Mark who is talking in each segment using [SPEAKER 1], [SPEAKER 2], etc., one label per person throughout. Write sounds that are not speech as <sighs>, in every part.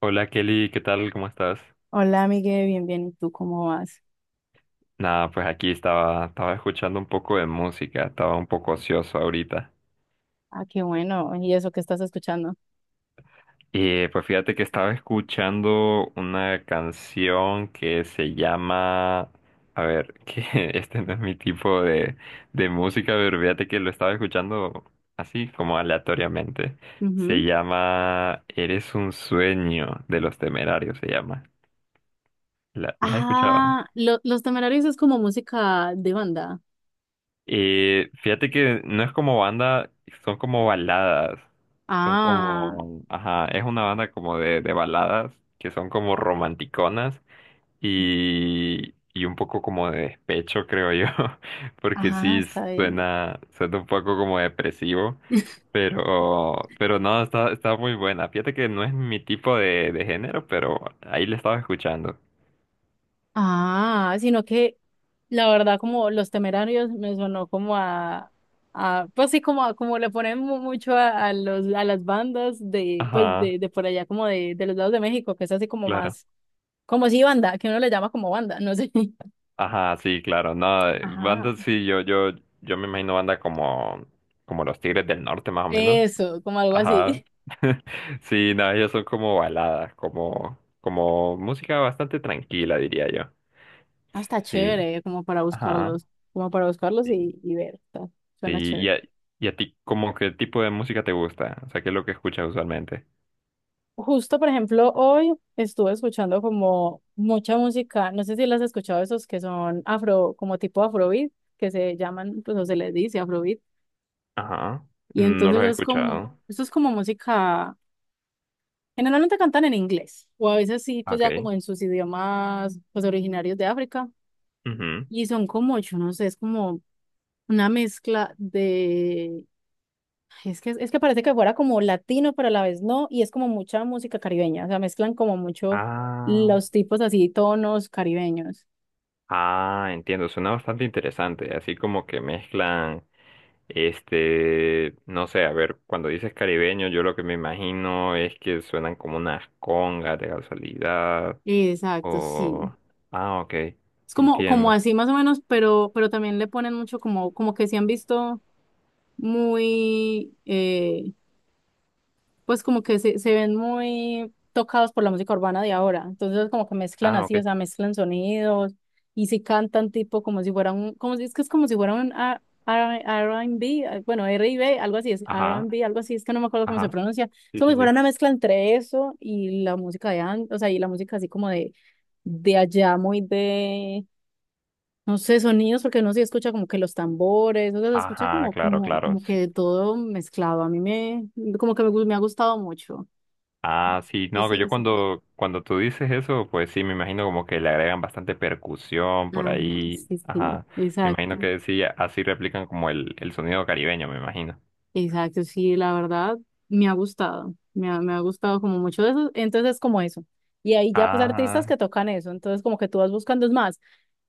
[SPEAKER 1] Hola Kelly, ¿qué tal? ¿Cómo estás?
[SPEAKER 2] Hola, Miguel, bien, bien. ¿Y tú cómo vas?
[SPEAKER 1] Nada, pues aquí estaba escuchando un poco de música, estaba un poco ocioso ahorita.
[SPEAKER 2] Ah, qué bueno. ¿Y eso que estás escuchando?
[SPEAKER 1] Y pues fíjate que estaba escuchando una canción que se llama... A ver, <laughs> que este no es mi tipo de, música, pero fíjate que lo estaba escuchando así como aleatoriamente. Se
[SPEAKER 2] Ujú.
[SPEAKER 1] llama Eres un sueño de los Temerarios, se llama. ¿La has escuchado?
[SPEAKER 2] Los Temerarios es como música de banda.
[SPEAKER 1] Y fíjate que no es como banda, son como baladas. Son
[SPEAKER 2] Ah,
[SPEAKER 1] como, ajá, es una banda como de, baladas que son como romanticonas y, un poco como de despecho, creo yo. <laughs> Porque
[SPEAKER 2] ah,
[SPEAKER 1] sí
[SPEAKER 2] está bien.
[SPEAKER 1] suena un poco como depresivo,
[SPEAKER 2] <laughs>
[SPEAKER 1] pero, no, está, muy buena. Fíjate que no es mi tipo de, género, pero ahí la estaba escuchando.
[SPEAKER 2] Ah, sino que la verdad como Los Temerarios me sonó como a pues sí, como le ponen mucho a los a las bandas de pues
[SPEAKER 1] Ajá,
[SPEAKER 2] de por allá como de los lados de México, que es así como
[SPEAKER 1] claro.
[SPEAKER 2] más como si banda, que uno le llama como banda, no sé. <laughs>
[SPEAKER 1] Ajá, sí, claro. No,
[SPEAKER 2] Ajá.
[SPEAKER 1] bandas sí, yo me imagino banda como, los Tigres del Norte, más o menos.
[SPEAKER 2] Eso, como algo
[SPEAKER 1] Ajá.
[SPEAKER 2] así.
[SPEAKER 1] <laughs> Sí, no, ellos son como baladas, como, música bastante tranquila, diría yo.
[SPEAKER 2] Ah, está
[SPEAKER 1] Sí,
[SPEAKER 2] chévere,
[SPEAKER 1] ajá.
[SPEAKER 2] como para buscarlos
[SPEAKER 1] Sí.
[SPEAKER 2] y ver,
[SPEAKER 1] Sí,
[SPEAKER 2] suena
[SPEAKER 1] y
[SPEAKER 2] chévere.
[SPEAKER 1] a, ti, ¿como qué tipo de música te gusta? O sea, ¿qué es lo que escuchas usualmente?
[SPEAKER 2] Justo, por ejemplo, hoy estuve escuchando como mucha música, no sé si las has escuchado esos que son afro, como tipo afrobeat, que se llaman, pues o se les dice afrobeat,
[SPEAKER 1] Ajá.
[SPEAKER 2] y
[SPEAKER 1] No los
[SPEAKER 2] entonces
[SPEAKER 1] he
[SPEAKER 2] es como,
[SPEAKER 1] escuchado.
[SPEAKER 2] eso es como música, generalmente cantan en inglés, o a veces sí, pues ya
[SPEAKER 1] Okay.
[SPEAKER 2] como en sus idiomas, pues originarios de África,
[SPEAKER 1] Ujú.
[SPEAKER 2] y son como, yo no sé, es como una mezcla. Es que parece que fuera como latino, pero a la vez no, y es como mucha música caribeña, o sea, mezclan como mucho
[SPEAKER 1] Ah.
[SPEAKER 2] los tipos así, tonos caribeños.
[SPEAKER 1] Ah, entiendo. Suena bastante interesante. Así como que mezclan. Este, no sé, a ver, cuando dices caribeño, yo lo que me imagino es que suenan como unas congas de casualidad
[SPEAKER 2] Exacto, sí.
[SPEAKER 1] o... Ah, ok,
[SPEAKER 2] Es como, como
[SPEAKER 1] entiendo.
[SPEAKER 2] así más o menos, pero también le ponen mucho como, como que se han visto muy, pues como que se ven muy tocados por la música urbana de ahora. Entonces como que mezclan
[SPEAKER 1] Ah,
[SPEAKER 2] así, o
[SPEAKER 1] ok,
[SPEAKER 2] sea, mezclan sonidos y si cantan tipo como si fuera un, como si es que es como si fuera un R&B, ah, bueno, r y b algo así es, r
[SPEAKER 1] ajá,
[SPEAKER 2] and b algo así, es que no me acuerdo cómo se
[SPEAKER 1] ajá,
[SPEAKER 2] pronuncia. Es
[SPEAKER 1] sí,
[SPEAKER 2] como si
[SPEAKER 1] sí,
[SPEAKER 2] fuera
[SPEAKER 1] sí.
[SPEAKER 2] una mezcla entre eso y la música de antes, o sea, y la música así como de allá, muy de... No sé, sonidos, porque no se escucha como que los tambores, o sea, se escucha
[SPEAKER 1] Ajá,
[SPEAKER 2] como,
[SPEAKER 1] claro,
[SPEAKER 2] como,
[SPEAKER 1] claro,
[SPEAKER 2] como
[SPEAKER 1] sí.
[SPEAKER 2] que todo mezclado. A mí me, como que me, me ha gustado mucho.
[SPEAKER 1] Ah, sí, no,
[SPEAKER 2] Esa,
[SPEAKER 1] que yo
[SPEAKER 2] esa.
[SPEAKER 1] cuando, tú dices eso, pues sí, me imagino como que le agregan bastante percusión por
[SPEAKER 2] Ajá,
[SPEAKER 1] ahí.
[SPEAKER 2] sí, sí,
[SPEAKER 1] Ajá, me
[SPEAKER 2] exacto,
[SPEAKER 1] imagino que sí, así replican como el, sonido caribeño, me imagino.
[SPEAKER 2] exacto, sí, la verdad me ha gustado como mucho de eso, entonces como eso, y ahí ya pues artistas
[SPEAKER 1] Ah,
[SPEAKER 2] que tocan eso, entonces como que tú vas buscando es más,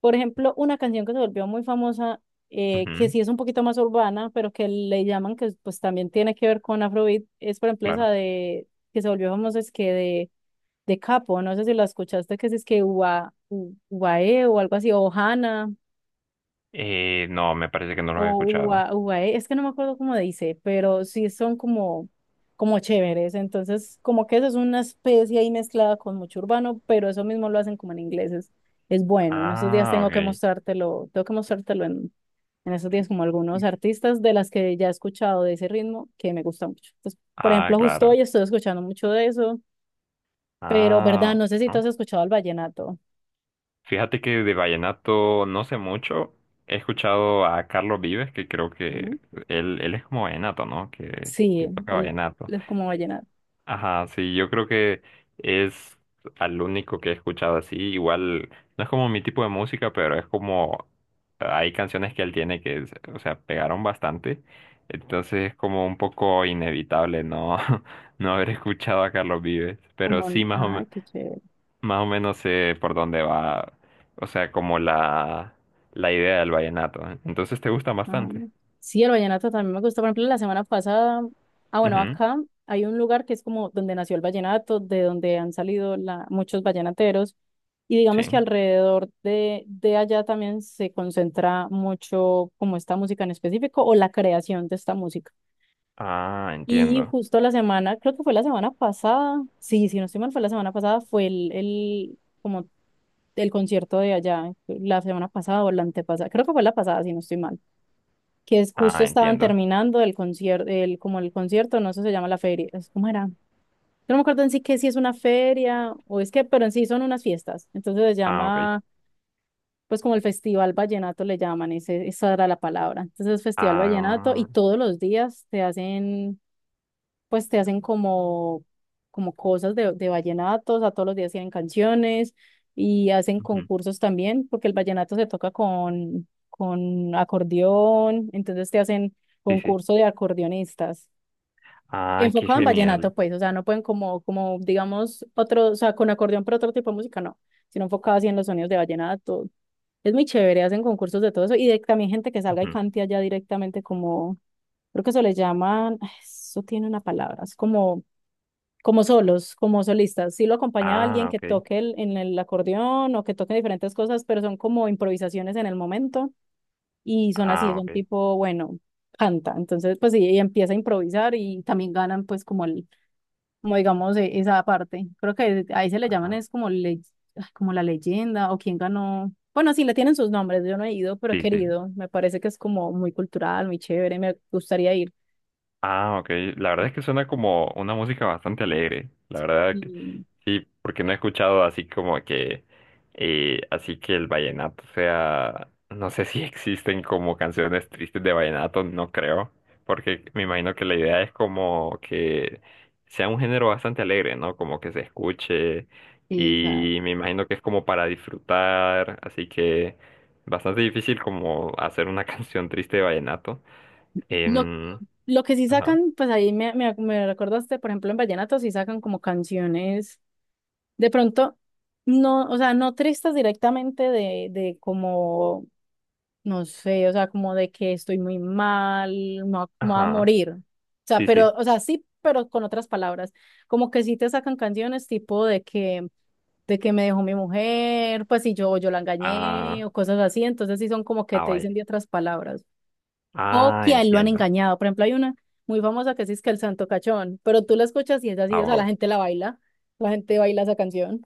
[SPEAKER 2] por ejemplo, una canción que se volvió muy famosa, que
[SPEAKER 1] ujú,
[SPEAKER 2] sí es un poquito más urbana, pero que le llaman que pues también tiene que ver con Afrobeat, es por ejemplo esa
[SPEAKER 1] claro.
[SPEAKER 2] de, que se volvió famosa es que de Capo, no sé si la escuchaste, que es que Ua, Uae o algo así, o Hana,
[SPEAKER 1] No, me parece que no los he
[SPEAKER 2] O
[SPEAKER 1] escuchado.
[SPEAKER 2] UA, UAE, es que no me acuerdo cómo dice, pero sí son como, como chéveres. Entonces, como que eso es una especie ahí mezclada con mucho urbano, pero eso mismo lo hacen como en inglés. Es bueno. En estos días
[SPEAKER 1] Ah, ok.
[SPEAKER 2] tengo que mostrártelo en estos días como algunos artistas de las que ya he escuchado de ese ritmo que me gusta mucho. Entonces, por
[SPEAKER 1] Ah,
[SPEAKER 2] ejemplo, justo hoy
[SPEAKER 1] claro.
[SPEAKER 2] estoy escuchando mucho de eso, pero verdad,
[SPEAKER 1] Ah,
[SPEAKER 2] no sé si tú
[SPEAKER 1] ah.
[SPEAKER 2] has escuchado el vallenato,
[SPEAKER 1] Fíjate que de vallenato no sé mucho. He escuchado a Carlos Vives, que creo
[SPEAKER 2] ¿no?
[SPEAKER 1] que él es como vallenato, ¿no? Que,
[SPEAKER 2] Sí,
[SPEAKER 1] toca vallenato.
[SPEAKER 2] el como vallenato,
[SPEAKER 1] Ajá, sí, yo creo que es al único que he escuchado así. Igual, no es como mi tipo de música, pero es como hay canciones que él tiene que, o sea, pegaron bastante. Entonces es como un poco inevitable no, <laughs> no haber escuchado a Carlos Vives. Pero
[SPEAKER 2] como,
[SPEAKER 1] sí,
[SPEAKER 2] ay, qué chévere.
[SPEAKER 1] más o menos sé por dónde va, o sea, como la, idea del vallenato. ¿Eh? Entonces te gusta
[SPEAKER 2] Ah,
[SPEAKER 1] bastante.
[SPEAKER 2] sí, el vallenato también me gusta. Por ejemplo, la semana pasada, ah, bueno,
[SPEAKER 1] Ujú,
[SPEAKER 2] acá hay un lugar que es como donde nació el vallenato, de donde han salido la, muchos vallenateros, y digamos que
[SPEAKER 1] sí.
[SPEAKER 2] alrededor de allá también se concentra mucho como esta música en específico o la creación de esta música.
[SPEAKER 1] Ah,
[SPEAKER 2] Y
[SPEAKER 1] entiendo.
[SPEAKER 2] justo la semana, creo que fue la semana pasada, sí, si no estoy mal, fue la semana pasada, fue el, como el concierto de allá, la semana pasada o la antepasada, creo que fue la pasada, si no estoy mal, que es justo
[SPEAKER 1] Ah,
[SPEAKER 2] estaban
[SPEAKER 1] entiendo.
[SPEAKER 2] terminando el concierto, el, como el concierto, no sé, se llama la feria, ¿cómo era? Yo no me acuerdo en sí que si es una feria o es que, pero en sí son unas fiestas, entonces se
[SPEAKER 1] Ah, ok.
[SPEAKER 2] llama, pues como el Festival Vallenato le llaman, ese, esa era la palabra, entonces es Festival Vallenato y
[SPEAKER 1] Ah,
[SPEAKER 2] todos los días te hacen pues te hacen como, como cosas de vallenatos, a todos los días tienen canciones y hacen
[SPEAKER 1] ujú,
[SPEAKER 2] concursos también, porque el vallenato se toca con acordeón, entonces te hacen
[SPEAKER 1] sí, sí.
[SPEAKER 2] concurso de acordeonistas.
[SPEAKER 1] Ah, qué
[SPEAKER 2] Enfocado en
[SPEAKER 1] genial.
[SPEAKER 2] vallenato, pues, o sea, no pueden como, como, digamos, otro, o sea, con acordeón, pero otro tipo de música, no, sino enfocado así en los sonidos de vallenato. Es muy chévere, hacen concursos de todo eso y de, también gente que salga y
[SPEAKER 1] Ujú.
[SPEAKER 2] cante allá directamente como, creo que eso les llaman, <sighs> eso tiene una palabra, es como, como solos, como solistas. Sí lo acompaña alguien
[SPEAKER 1] Ah,
[SPEAKER 2] que
[SPEAKER 1] ok.
[SPEAKER 2] toque en el acordeón o que toque diferentes cosas, pero son como improvisaciones en el momento y son así,
[SPEAKER 1] Ah,
[SPEAKER 2] son
[SPEAKER 1] ok.
[SPEAKER 2] tipo, bueno, canta. Entonces, pues sí, ella empieza a improvisar y también ganan pues como el, como digamos, esa parte. Creo que ahí se le llaman
[SPEAKER 1] Ajá.
[SPEAKER 2] es como, le, ay, como la leyenda o quién ganó. Bueno, sí, le tienen sus nombres, yo no he ido, pero he
[SPEAKER 1] Sí, sí.
[SPEAKER 2] querido. Me parece que es como muy cultural, muy chévere, me gustaría ir.
[SPEAKER 1] Ah, ok. La verdad es que suena como una música bastante alegre. La verdad que
[SPEAKER 2] Y,
[SPEAKER 1] sí, porque no he escuchado así como que, así que el vallenato sea, no sé si <laughs> existen como canciones tristes de vallenato, no creo, porque me imagino que la idea es como que sea un género bastante alegre, ¿no? Como que se escuche y
[SPEAKER 2] exacto.
[SPEAKER 1] me imagino que es como para disfrutar, así que bastante difícil como hacer una <laughs> canción triste de vallenato. Em,
[SPEAKER 2] Lo que sí
[SPEAKER 1] ajá.
[SPEAKER 2] sacan, pues ahí me recordaste, por ejemplo, en vallenato sí sacan como canciones, de pronto, no, o sea, no tristes directamente de como, no sé, o sea, como de que estoy muy mal, me voy a
[SPEAKER 1] Ajá,
[SPEAKER 2] morir. O sea,
[SPEAKER 1] sí, sí.
[SPEAKER 2] pero, o sea, sí, pero con otras palabras, como que sí te sacan canciones tipo de que me dejó mi mujer, pues si yo, yo la engañé
[SPEAKER 1] Ah,
[SPEAKER 2] o cosas así, entonces sí son como que
[SPEAKER 1] ah,
[SPEAKER 2] te
[SPEAKER 1] vaya.
[SPEAKER 2] dicen de otras palabras o
[SPEAKER 1] Ah,
[SPEAKER 2] que a él lo han
[SPEAKER 1] entiendo.
[SPEAKER 2] engañado. Por ejemplo, hay una muy famosa que sí es que el Santo Cachón, pero tú la escuchas y es así,
[SPEAKER 1] Ah,
[SPEAKER 2] o sea, la
[SPEAKER 1] wow.
[SPEAKER 2] gente la baila, la gente baila esa canción.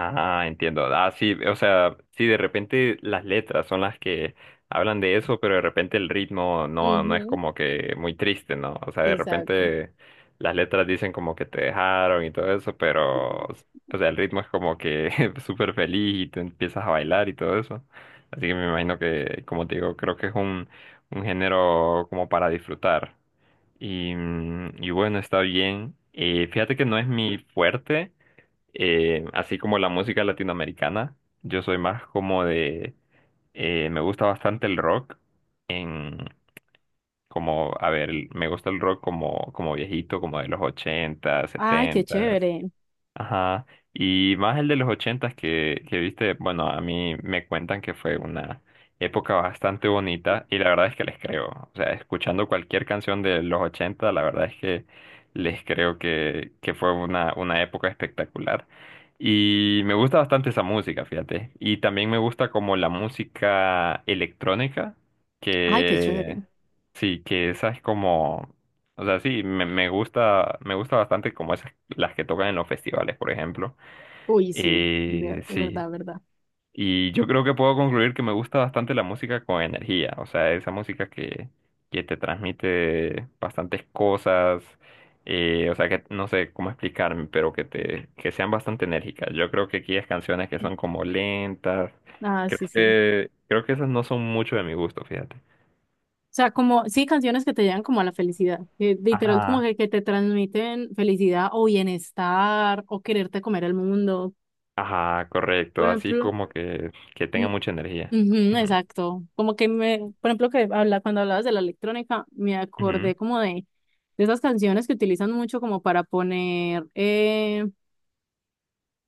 [SPEAKER 1] Ah, entiendo. Ah, sí, o sea, sí, de repente las letras son las que hablan de eso, pero de repente el ritmo no es
[SPEAKER 2] Ujú,
[SPEAKER 1] como que muy triste, ¿no? O sea, de
[SPEAKER 2] exacto.
[SPEAKER 1] repente las letras dicen como que te dejaron y todo eso, pero, o sea, el ritmo es como que <laughs> súper feliz y tú empiezas a bailar y todo eso. Así que me imagino que, como te digo, creo que es un, género como para disfrutar. Y bueno, está bien. Fíjate que no es mi fuerte, así como la música latinoamericana. Yo soy más como de... me gusta bastante el rock. En, Como, a ver, me gusta el rock como, viejito, como de los 80,
[SPEAKER 2] Ay, qué
[SPEAKER 1] 70.
[SPEAKER 2] chévere.
[SPEAKER 1] Ajá. Y más el de los ochentas que, viste, bueno, a mí me cuentan que fue una época bastante bonita y la verdad es que les creo. O sea, escuchando cualquier canción de los ochenta, la verdad es que les creo que, fue una, época espectacular. Y me gusta bastante esa música, fíjate. Y también me gusta como la música electrónica,
[SPEAKER 2] Ay, qué
[SPEAKER 1] que
[SPEAKER 2] chévere.
[SPEAKER 1] sí, que esa es como... O sea, sí, me gusta bastante como esas, las que tocan en los festivales, por ejemplo.
[SPEAKER 2] Uy, sí, de
[SPEAKER 1] Sí.
[SPEAKER 2] verdad, verdad.
[SPEAKER 1] Y yo creo que puedo concluir que me gusta bastante la música con energía. O sea, esa música que, te transmite bastantes cosas. O sea, que no sé cómo explicarme, pero que que sean bastante enérgicas. Yo creo que aquí hay canciones que son como lentas.
[SPEAKER 2] Ah, sí, sí.
[SPEAKER 1] Creo que esas no son mucho de mi gusto, fíjate.
[SPEAKER 2] O sea, como, sí, canciones que te llevan como a la felicidad, que literal como
[SPEAKER 1] Ajá,
[SPEAKER 2] que te transmiten felicidad o bienestar o quererte comer el mundo.
[SPEAKER 1] ajá,
[SPEAKER 2] Por
[SPEAKER 1] correcto. Así
[SPEAKER 2] ejemplo,
[SPEAKER 1] como que,
[SPEAKER 2] mm,
[SPEAKER 1] tenga mucha energía.
[SPEAKER 2] ujú,
[SPEAKER 1] Ujú,
[SPEAKER 2] exacto. Como que me, por ejemplo, que habla, cuando hablabas de la electrónica, me
[SPEAKER 1] ujú.
[SPEAKER 2] acordé como de esas canciones que utilizan mucho como para poner,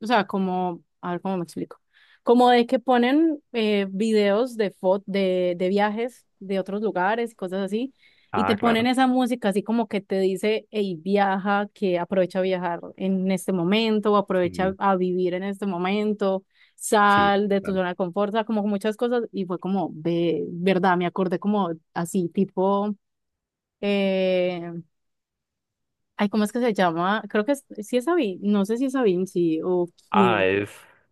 [SPEAKER 2] o sea, como, a ver cómo me explico. Como de que ponen videos de, de viajes de otros lugares, cosas así, y te
[SPEAKER 1] Ah,
[SPEAKER 2] ponen
[SPEAKER 1] claro.
[SPEAKER 2] esa música así como que te dice, hey, viaja, que aprovecha a viajar en este momento, o aprovecha
[SPEAKER 1] Sí,
[SPEAKER 2] a vivir en este momento,
[SPEAKER 1] sí,
[SPEAKER 2] sal de tu
[SPEAKER 1] total.
[SPEAKER 2] zona de confort, o sea, como muchas cosas, y fue como, de verdad, me acordé como así, tipo, eh, ay, ¿cómo es que se llama? Creo que es, sí es Sabine, no sé si es Sabine, sí, o
[SPEAKER 1] Ah,
[SPEAKER 2] quién,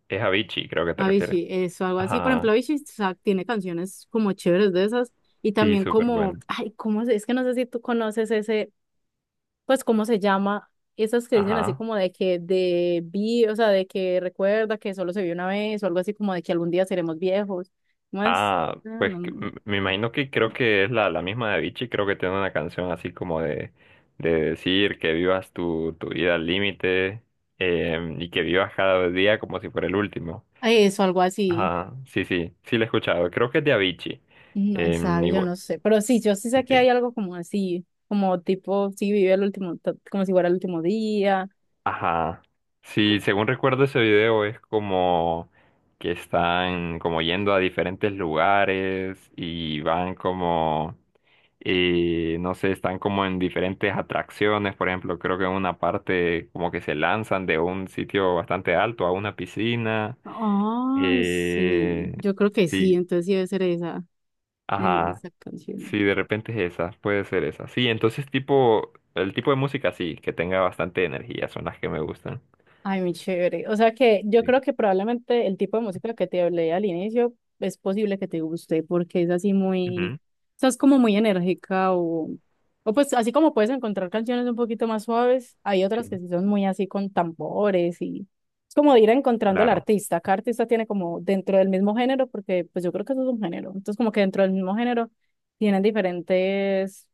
[SPEAKER 1] es Avicii, creo que te refieres.
[SPEAKER 2] Avicii, eso, algo así. Por ejemplo,
[SPEAKER 1] Ajá,
[SPEAKER 2] Avicii, o sea, tiene canciones como chéveres de esas y
[SPEAKER 1] sí,
[SPEAKER 2] también
[SPEAKER 1] súper
[SPEAKER 2] como,
[SPEAKER 1] bueno.
[SPEAKER 2] ay, es que no sé si tú conoces ese, pues, ¿cómo se llama? Esas que dicen así
[SPEAKER 1] Ajá.
[SPEAKER 2] como de que de vi, o sea, de que recuerda que solo se vio una vez o algo así como de que algún día seremos viejos. ¿Cómo es?
[SPEAKER 1] Ah,
[SPEAKER 2] Ah,
[SPEAKER 1] pues
[SPEAKER 2] no,
[SPEAKER 1] me imagino que creo que es la, misma de Avicii. Creo que tiene una canción así como de, decir que vivas tu, vida al límite. Y que vivas cada día como si fuera el último.
[SPEAKER 2] eso, algo así.
[SPEAKER 1] Ajá, sí, sí, sí, la he escuchado. Creo que es de Avicii.
[SPEAKER 2] No, esa, yo
[SPEAKER 1] Igual,
[SPEAKER 2] no sé, pero sí, yo sí
[SPEAKER 1] sí,
[SPEAKER 2] sé que
[SPEAKER 1] sí.
[SPEAKER 2] hay algo como así, como tipo, sí, vive el último, como si fuera el último día.
[SPEAKER 1] Ajá. Sí, según recuerdo ese video es como que están como yendo a diferentes lugares y van como, no sé, están como en diferentes atracciones, por ejemplo, creo que en una parte como que se lanzan de un sitio bastante alto a una piscina.
[SPEAKER 2] Ay, sí,
[SPEAKER 1] Eh,
[SPEAKER 2] yo creo que sí,
[SPEAKER 1] sí,
[SPEAKER 2] entonces sí debe ser esa,
[SPEAKER 1] ajá.
[SPEAKER 2] esa canción.
[SPEAKER 1] Sí, de repente es esa, puede ser esa. Sí, entonces tipo, el tipo de música sí, que tenga bastante energía, son las que me gustan.
[SPEAKER 2] Ay, muy chévere. O sea que yo
[SPEAKER 1] Sí.
[SPEAKER 2] creo que probablemente el tipo de música que te hablé al inicio es posible que te guste porque es así muy,
[SPEAKER 1] Ujú.
[SPEAKER 2] o sea, es como muy enérgica o pues así como puedes encontrar canciones un poquito más suaves, hay otras que
[SPEAKER 1] Sí,
[SPEAKER 2] sí son muy así con tambores y es como de ir encontrando al
[SPEAKER 1] claro,
[SPEAKER 2] artista. Cada artista tiene como dentro del mismo género porque pues yo creo que eso es un género. Entonces como que dentro del mismo género tienen diferentes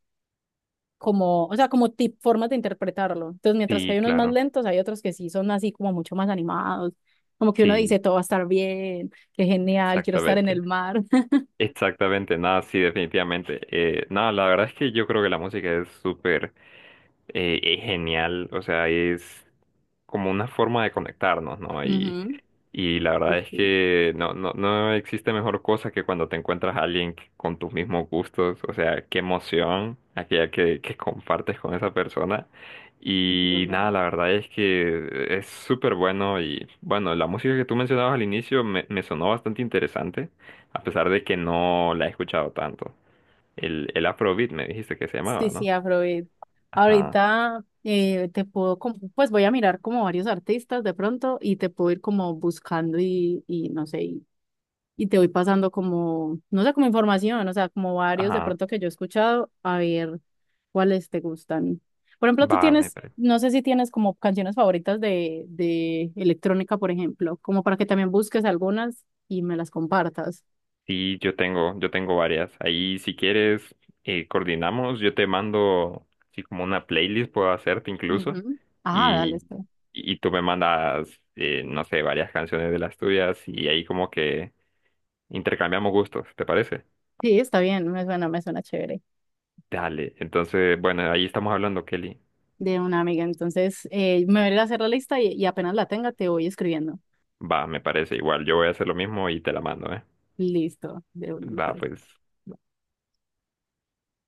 [SPEAKER 2] como, o sea, como tip, formas de interpretarlo. Entonces, mientras que
[SPEAKER 1] sí,
[SPEAKER 2] hay unos más
[SPEAKER 1] claro,
[SPEAKER 2] lentos, hay otros que sí son así como mucho más animados, como que uno dice,
[SPEAKER 1] sí,
[SPEAKER 2] todo va a estar bien, qué genial, quiero estar en el
[SPEAKER 1] exactamente,
[SPEAKER 2] mar. <laughs>
[SPEAKER 1] exactamente, nada, sí, definitivamente. Nada, la verdad es que yo creo que la música es súper... es genial, o sea, es como una forma de conectarnos, ¿no? Y,
[SPEAKER 2] Ujú,
[SPEAKER 1] la
[SPEAKER 2] sí,
[SPEAKER 1] verdad es
[SPEAKER 2] sí,
[SPEAKER 1] que no existe mejor cosa que cuando te encuentras a alguien con tus mismos gustos, o sea, qué emoción aquella que, compartes con esa persona.
[SPEAKER 2] es
[SPEAKER 1] Y
[SPEAKER 2] verdad.
[SPEAKER 1] nada, la verdad es que es súper bueno y bueno, la música que tú mencionabas al inicio me sonó bastante interesante, a pesar de que no la he escuchado tanto. El, Afrobeat me dijiste que se
[SPEAKER 2] Sí,
[SPEAKER 1] llamaba,
[SPEAKER 2] sí,
[SPEAKER 1] ¿no?
[SPEAKER 2] Afrobeat.
[SPEAKER 1] Ajá.
[SPEAKER 2] Ahorita te puedo, pues voy a mirar como varios artistas de pronto y te puedo ir como buscando y no sé, y te voy pasando como, no sé, como información, o sea, como varios de
[SPEAKER 1] Ajá.
[SPEAKER 2] pronto que yo he escuchado, a ver ¿cuáles te gustan? Por ejemplo, tú
[SPEAKER 1] Va, me
[SPEAKER 2] tienes,
[SPEAKER 1] parece.
[SPEAKER 2] no sé si tienes como canciones favoritas de electrónica, por ejemplo, como para que también busques algunas y me las compartas.
[SPEAKER 1] Sí, yo tengo varias. Ahí, si quieres, coordinamos. Yo te mando, así como una playlist puedo hacerte incluso.
[SPEAKER 2] Ujú. Ah, dale,
[SPEAKER 1] Y,
[SPEAKER 2] está.
[SPEAKER 1] tú me mandas, no sé, varias canciones de las tuyas y ahí como que intercambiamos gustos, ¿te parece?
[SPEAKER 2] Sí, está bien, me suena chévere.
[SPEAKER 1] Dale. Entonces, bueno, ahí estamos hablando, Kelly.
[SPEAKER 2] De una amiga, entonces me voy a ir a hacer la lista y apenas la tenga te voy escribiendo.
[SPEAKER 1] Va, me parece igual. Yo voy a hacer lo mismo y te la mando, ¿eh?
[SPEAKER 2] Listo, de una, me
[SPEAKER 1] Va,
[SPEAKER 2] parece.
[SPEAKER 1] pues.